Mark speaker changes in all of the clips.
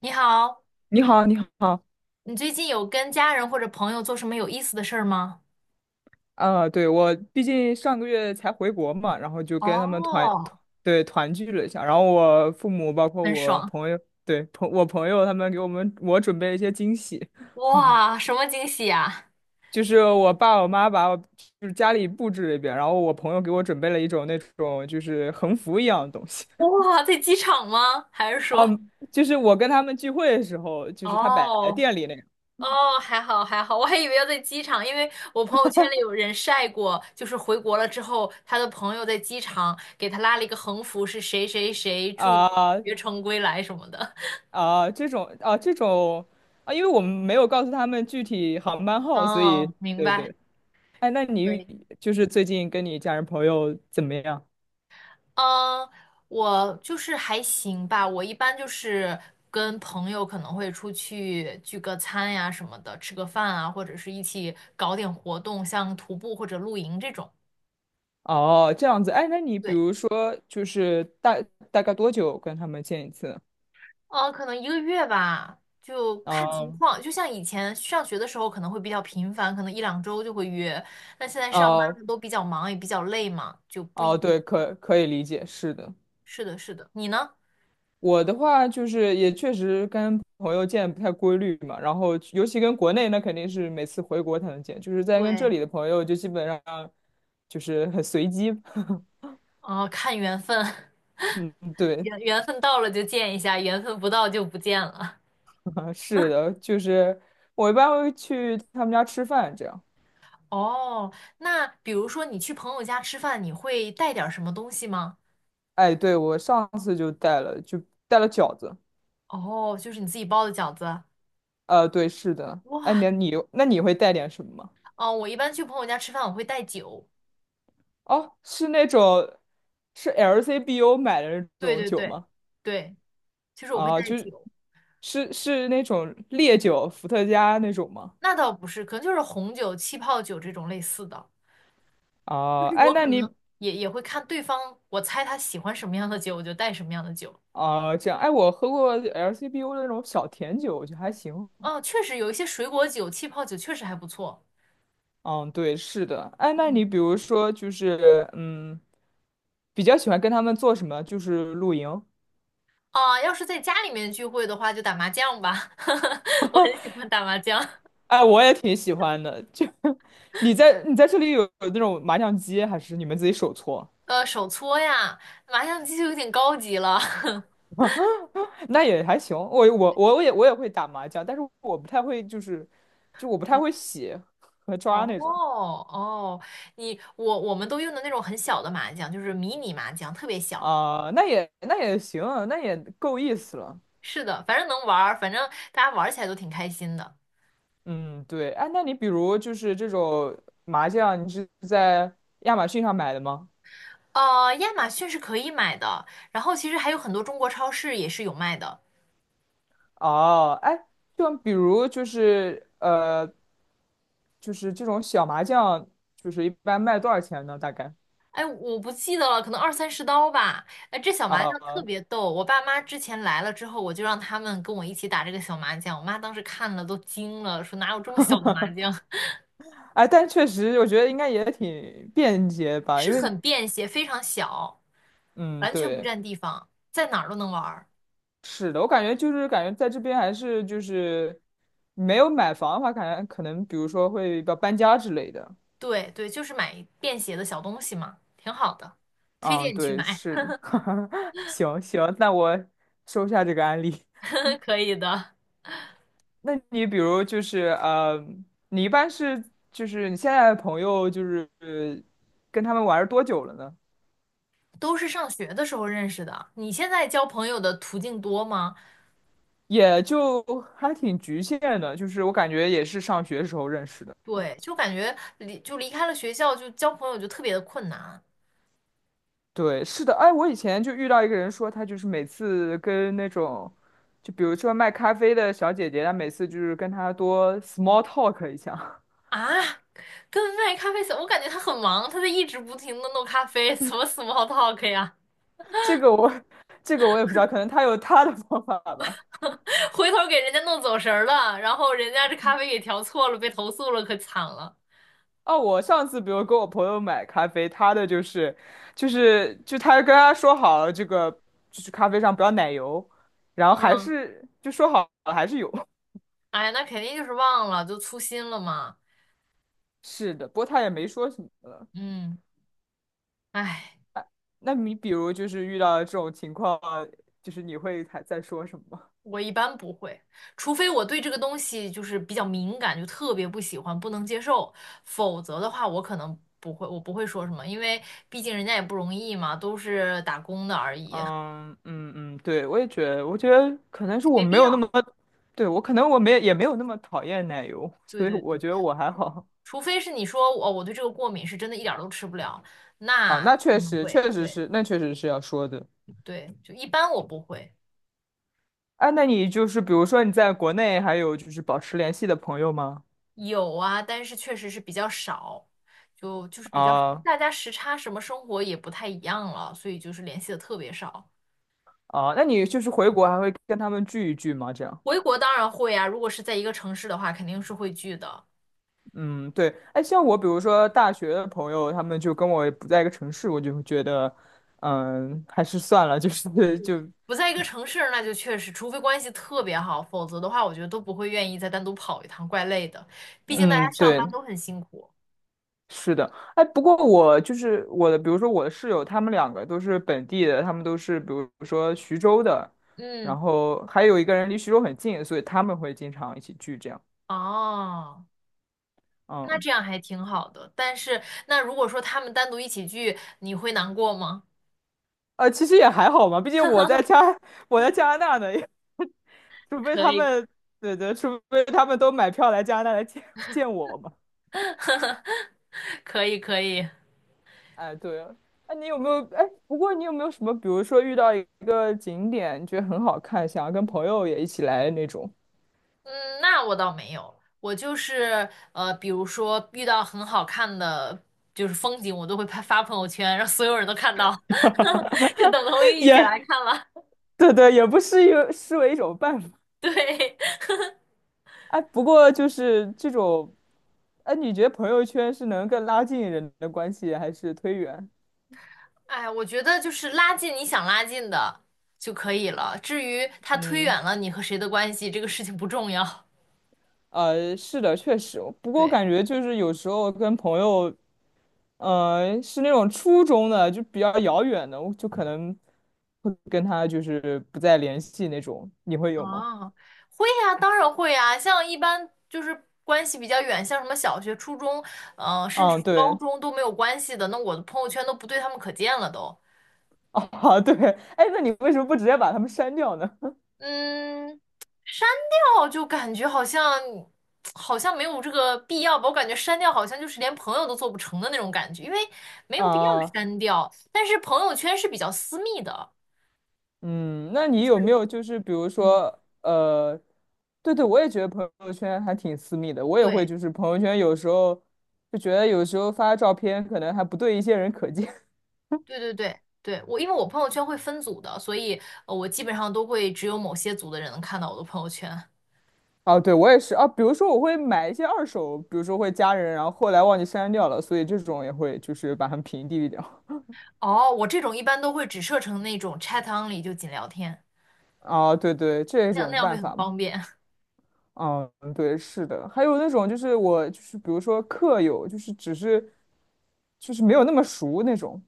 Speaker 1: 你好，
Speaker 2: 你好，你好。
Speaker 1: 你最近有跟家人或者朋友做什么有意思的事儿吗？
Speaker 2: 我毕竟上个月才回国嘛，然后就跟他们
Speaker 1: 哦，
Speaker 2: 团聚了一下。然后我父母包括
Speaker 1: 很
Speaker 2: 我
Speaker 1: 爽。
Speaker 2: 朋友，朋友他们给我准备了一些惊喜。
Speaker 1: 哇，什么惊喜呀？
Speaker 2: 就是我爸我妈把我家里布置了一遍，然后我朋友给我准备了一种那种就是横幅一样的东西。
Speaker 1: 哇，在机场吗？还是 说？
Speaker 2: 嗯，就是我跟他们聚会的时候，就是他摆在
Speaker 1: 哦
Speaker 2: 店里那个。
Speaker 1: 哦，还好还好，我还以为要在机场，因为我朋友圈里有人晒过，就是回国了之后，他的朋友在机场给他拉了一个横幅，是谁谁谁祝你
Speaker 2: 啊
Speaker 1: 学成归来什么的。
Speaker 2: 这种啊，啊，因为我们没有告诉他们具体航班号，所以
Speaker 1: 哦，明
Speaker 2: 对
Speaker 1: 白。
Speaker 2: 对。哎，那你
Speaker 1: 对。
Speaker 2: 就是最近跟你家人朋友怎么样？
Speaker 1: 嗯，我就是还行吧。我一般就是跟朋友可能会出去聚个餐呀什么的，吃个饭啊，或者是一起搞点活动，像徒步或者露营这种。
Speaker 2: 哦，这样子。哎，那你比
Speaker 1: 对，
Speaker 2: 如说大概多久跟他们见一次？
Speaker 1: 可能一个月吧，就看情
Speaker 2: 啊
Speaker 1: 况。就像以前上学的时候，可能会比较频繁，可能一两周就会约。但现在上班
Speaker 2: 哦
Speaker 1: 了都比较忙，也比较累嘛，就不一
Speaker 2: 哦，
Speaker 1: 定。
Speaker 2: 对，可以理解，是的。
Speaker 1: 是的，是的。你呢？
Speaker 2: 我的话就是也确实跟朋友见不太规律嘛，然后尤其跟国内那肯定是每次回国才能见，就是在跟这
Speaker 1: 对，
Speaker 2: 里的朋友就基本上就是很随机。
Speaker 1: 哦，看缘分，
Speaker 2: 嗯，对。
Speaker 1: 缘分到了就见一下，缘分不到就不见了。
Speaker 2: 是的，就是我一般会去他们家吃饭，这样。
Speaker 1: 哦，那比如说你去朋友家吃饭，你会带点儿什么东西吗？
Speaker 2: 哎，对，我上次就带了，带了饺子。
Speaker 1: 哦，就是你自己包的饺子。
Speaker 2: 对，是的。哎，
Speaker 1: 哇，
Speaker 2: 你那你会带点什么吗？
Speaker 1: 哦，我一般去朋友家吃饭，我会带酒。
Speaker 2: 哦，是那种是 LCBO 买的那
Speaker 1: 对
Speaker 2: 种
Speaker 1: 对
Speaker 2: 酒
Speaker 1: 对，
Speaker 2: 吗？
Speaker 1: 对，就是我会
Speaker 2: 啊，
Speaker 1: 带酒。
Speaker 2: 是那种烈酒，伏特加那种吗？
Speaker 1: 那倒不是，可能就是红酒、气泡酒这种类似的。就
Speaker 2: 啊，
Speaker 1: 是
Speaker 2: 哎，
Speaker 1: 我
Speaker 2: 那
Speaker 1: 可能
Speaker 2: 你
Speaker 1: 也会看对方，我猜他喜欢什么样的酒，我就带什么样的酒。
Speaker 2: 啊这样，哎，我喝过 LCBO 的那种小甜酒，我觉得还行。
Speaker 1: 哦，确实有一些水果酒、气泡酒确实还不错。
Speaker 2: 嗯，对，是的。哎，那你
Speaker 1: 嗯，
Speaker 2: 比如说就是，比较喜欢跟他们做什么？就是露营。
Speaker 1: 啊，要是在家里面聚会的话，就打麻将吧。我很喜欢打麻将。
Speaker 2: 哎，我也挺喜欢的。就 你在这里有那种麻将机，还是你们自己手搓？
Speaker 1: 手搓呀，麻将机就有点高级了。
Speaker 2: 那也还行。我也会打麻将，但是我不太会，就我不太会洗和
Speaker 1: 哦。
Speaker 2: 抓那种。
Speaker 1: 哦，我们都用的那种很小的麻将，就是迷你麻将，特别小。
Speaker 2: 那那也行，那也够意思了。
Speaker 1: 是的，反正能玩儿，反正大家玩儿起来都挺开心的。
Speaker 2: 嗯，对。哎，那你比如就是这种麻将，你是在亚马逊上买的吗？
Speaker 1: 亚马逊是可以买的，然后其实还有很多中国超市也是有卖的。
Speaker 2: 哦，哎，就比如就是就是这种小麻将，就是一般卖多少钱呢？大概
Speaker 1: 哎，我不记得了，可能二三十刀吧。哎，这小麻将
Speaker 2: 啊。
Speaker 1: 特别逗，我爸妈之前来了之后，我就让他们跟我一起打这个小麻将，我妈当时看了都惊了，说哪有这么小的麻 将？
Speaker 2: 哎，但确实我觉得应该也挺便捷吧，因
Speaker 1: 是
Speaker 2: 为
Speaker 1: 很便携，非常小，
Speaker 2: 嗯，
Speaker 1: 完全不
Speaker 2: 对，
Speaker 1: 占地方，在哪儿都能玩儿。
Speaker 2: 是的。我感觉感觉在这边还是就是没有买房的话，感觉可能比如说会要搬家之类的。
Speaker 1: 对对，就是买便携的小东西嘛，挺好的，推
Speaker 2: 嗯，
Speaker 1: 荐你去
Speaker 2: 对，
Speaker 1: 买，
Speaker 2: 是的。行行，那我收下这个案例。
Speaker 1: 可以的。
Speaker 2: 那你比如就是你一般是就是你现在的朋友就是跟他们玩儿多久了呢？
Speaker 1: 都是上学的时候认识的，你现在交朋友的途径多吗？
Speaker 2: 也就还挺局限的，就是我感觉也是上学时候认识的。
Speaker 1: 对，就感觉离开了学校，就交朋友就特别的困难
Speaker 2: 对，是的。哎，我以前就遇到一个人说，他就是每次跟那种，就比如说卖咖啡的小姐姐，她每次就是跟她多 small talk 一下。
Speaker 1: 啊。跟卖咖啡小，我感觉他很忙，他在一直不停的弄咖啡，怎么 small talk 呀？
Speaker 2: 这个我，这个我也不知道，可能他有他的方法吧。
Speaker 1: 回头给人家弄走神儿了，然后人家这咖啡给调错了，被投诉了，可惨了。
Speaker 2: 哦，我上次比如跟我朋友买咖啡，他的就是，就是就他跟他说好了，咖啡上不要奶油，然后还
Speaker 1: 嗯，
Speaker 2: 是说好了还是有。
Speaker 1: 哎呀，那肯定就是忘了，就粗心了嘛。
Speaker 2: 是的，不过他也没说什么了。
Speaker 1: 嗯，哎，
Speaker 2: 那你比如就是遇到这种情况，就是你会还在说什么吗？
Speaker 1: 我一般不会，除非我对这个东西就是比较敏感，就特别不喜欢，不能接受，否则的话，我不会说什么，因为毕竟人家也不容易嘛，都是打工的而已，
Speaker 2: 嗯，对，我也觉得，我觉得可能是
Speaker 1: 就
Speaker 2: 我
Speaker 1: 没
Speaker 2: 没
Speaker 1: 必
Speaker 2: 有那
Speaker 1: 要。
Speaker 2: 么，对，我可能我没也没有那么讨厌奶油，
Speaker 1: 对
Speaker 2: 所以
Speaker 1: 对
Speaker 2: 我
Speaker 1: 对，
Speaker 2: 觉得我还好。
Speaker 1: 除非是你说哦，我对这个过敏，是真的一点儿都吃不了，
Speaker 2: 啊，
Speaker 1: 那
Speaker 2: 那
Speaker 1: 可能会，
Speaker 2: 确实
Speaker 1: 对
Speaker 2: 是，那确实是要说的。
Speaker 1: 对，就一般我不会。
Speaker 2: 哎，那你就是比如说你在国内还有就是保持联系的朋友吗？
Speaker 1: 有啊，但是确实是比较少，就是比较
Speaker 2: 啊
Speaker 1: 大家时差什么生活也不太一样了，所以就是联系的特别少。
Speaker 2: 啊，那你就是回国还会跟他们聚一聚吗？这样。
Speaker 1: 回国当然会啊，如果是在一个城市的话，肯定是会聚的。
Speaker 2: 嗯，对。哎，像我比如说大学的朋友，他们就跟我不在一个城市，我就会觉得，嗯，还是算了，就是 就，
Speaker 1: 不在一个城市，那就确实，除非关系特别好，否则的话，我觉得都不会愿意再单独跑一趟，怪累的。毕竟大家
Speaker 2: 嗯，
Speaker 1: 上班
Speaker 2: 对，
Speaker 1: 都很辛苦。
Speaker 2: 是的。哎，不过我就是我的，比如说我的室友，他们两个都是本地的，他们都是比如说徐州的，
Speaker 1: 嗯，
Speaker 2: 然后还有一个人离徐州很近，所以他们会经常一起聚这样。
Speaker 1: 哦，那
Speaker 2: 嗯。
Speaker 1: 这样还挺好的。但是，那如果说他们单独一起聚，你会难过吗？
Speaker 2: 其实也还好嘛，毕竟我在加拿大呢，也 除非
Speaker 1: 可
Speaker 2: 他
Speaker 1: 以，
Speaker 2: 们，对对，除非他们都买票来加拿大来见 见我嘛。
Speaker 1: 可以，可以。
Speaker 2: 哎，对了，哎，你有没有？哎，不过你有没有什么，比如说遇到一个景点，你觉得很好看，想要跟朋友也一起来那种？
Speaker 1: 嗯，那我倒没有，我就是比如说遇到很好看的就是风景，我都会拍发朋友圈，让所有人都看到，就等同于 一起
Speaker 2: 也
Speaker 1: 来看了。
Speaker 2: 对对，也不是视为一种办法。
Speaker 1: 对，
Speaker 2: 哎，不过就是这种，哎，你觉得朋友圈是能更拉近人的关系，还是推远？
Speaker 1: 哎，我觉得就是拉近你想拉近的就可以了，至于他推
Speaker 2: 嗯。
Speaker 1: 远了你和谁的关系，这个事情不重要。
Speaker 2: 是的，确实。不 过我
Speaker 1: 对，
Speaker 2: 感觉就是有时候跟朋友，是那种初中的，就比较遥远的，我就可能会跟他就是不再联系那种。你会有吗？
Speaker 1: 啊，会呀，当然会呀，像一般就是关系比较远，像什么小学、初中，甚至
Speaker 2: 嗯，
Speaker 1: 是高
Speaker 2: 对。
Speaker 1: 中都没有关系的，那我的朋友圈都不对他们可见了都。
Speaker 2: 啊，对。哎，那你为什么不直接把他们删掉呢？
Speaker 1: 嗯，删掉就感觉好像没有这个必要吧，我感觉删掉好像就是连朋友都做不成的那种感觉，因为 没有必要
Speaker 2: 啊。
Speaker 1: 删掉。但是朋友圈是比较私密的，
Speaker 2: 嗯，那你有没有就是比如
Speaker 1: 嗯，
Speaker 2: 说，对对，我也觉得朋友圈还挺私密的，我也会
Speaker 1: 对
Speaker 2: 就是朋友圈有时候发照片可能还不对一些人可见。
Speaker 1: 对，我因为我朋友圈会分组的，所以我基本上都会只有某些组的人能看到我的朋友圈。
Speaker 2: 啊，对，我也是啊。比如说，我会买一些二手，比如说会加人，然后后来忘记删掉了，所以这种也会就是把它们屏蔽掉。
Speaker 1: 哦，我这种一般都会只设成那种 chat only，就仅聊天，
Speaker 2: 啊，对对，这一
Speaker 1: 那样那
Speaker 2: 种
Speaker 1: 样会
Speaker 2: 办
Speaker 1: 很
Speaker 2: 法嘛。
Speaker 1: 方便。
Speaker 2: 嗯，对，是的。还有那种就是我就是比如说客友，就是只是就是没有那么熟那种。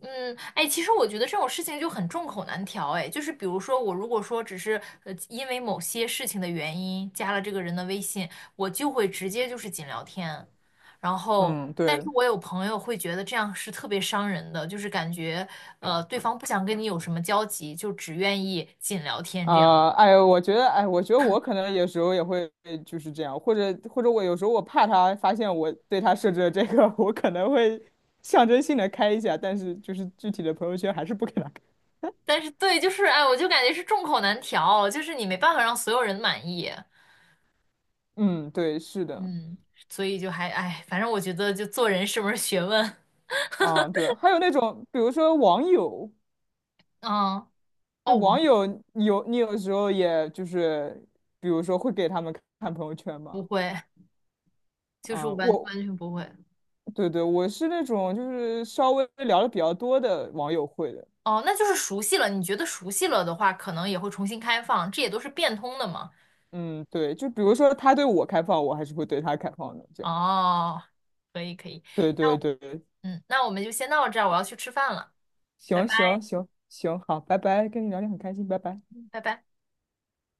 Speaker 1: 嗯，哎，其实我觉得这种事情就很众口难调，哎，就是比如说我如果说只是因为某些事情的原因加了这个人的微信，我就会直接就是仅聊天，然后，
Speaker 2: 嗯，
Speaker 1: 但是
Speaker 2: 对。
Speaker 1: 我有朋友会觉得这样是特别伤人的，就是感觉对方不想跟你有什么交集，就只愿意仅聊天这样。
Speaker 2: 哎，我觉得，哎，我觉得我可能有时候也会就是这样，或者我有时候我怕他发现我对他设置了这个。我可能会象征性的开一下，但是就是具体的朋友圈还是不给他
Speaker 1: 但是对，就是哎，我就感觉是众口难调，就是你没办法让所有人满意，
Speaker 2: 嗯，对，是的。
Speaker 1: 嗯，所以就还哎，反正我觉得就做人是门儿学问，
Speaker 2: 啊，对，还有那种，比如说网友。
Speaker 1: 嗯。
Speaker 2: 对
Speaker 1: 哦，
Speaker 2: 网友，你有时候也就是，比如说会给他们看朋友圈
Speaker 1: 不
Speaker 2: 嘛。
Speaker 1: 会，就是
Speaker 2: 啊，
Speaker 1: 完
Speaker 2: 我，
Speaker 1: 完全不会。
Speaker 2: 对对，我是那种就是稍微聊的比较多的网友会的。
Speaker 1: 哦，那就是熟悉了。你觉得熟悉了的话，可能也会重新开放，这也都是变通的嘛。
Speaker 2: 嗯，对，就比如说他对我开放，我还是会对他开放的，这样，
Speaker 1: 哦，可以可以，
Speaker 2: 对
Speaker 1: 那
Speaker 2: 对
Speaker 1: 我
Speaker 2: 对。
Speaker 1: 嗯，那我们就先到这儿，我要去吃饭了，拜
Speaker 2: 行
Speaker 1: 拜
Speaker 2: 行行行，好，拜拜，跟你聊天很开心，拜拜。
Speaker 1: 拜拜。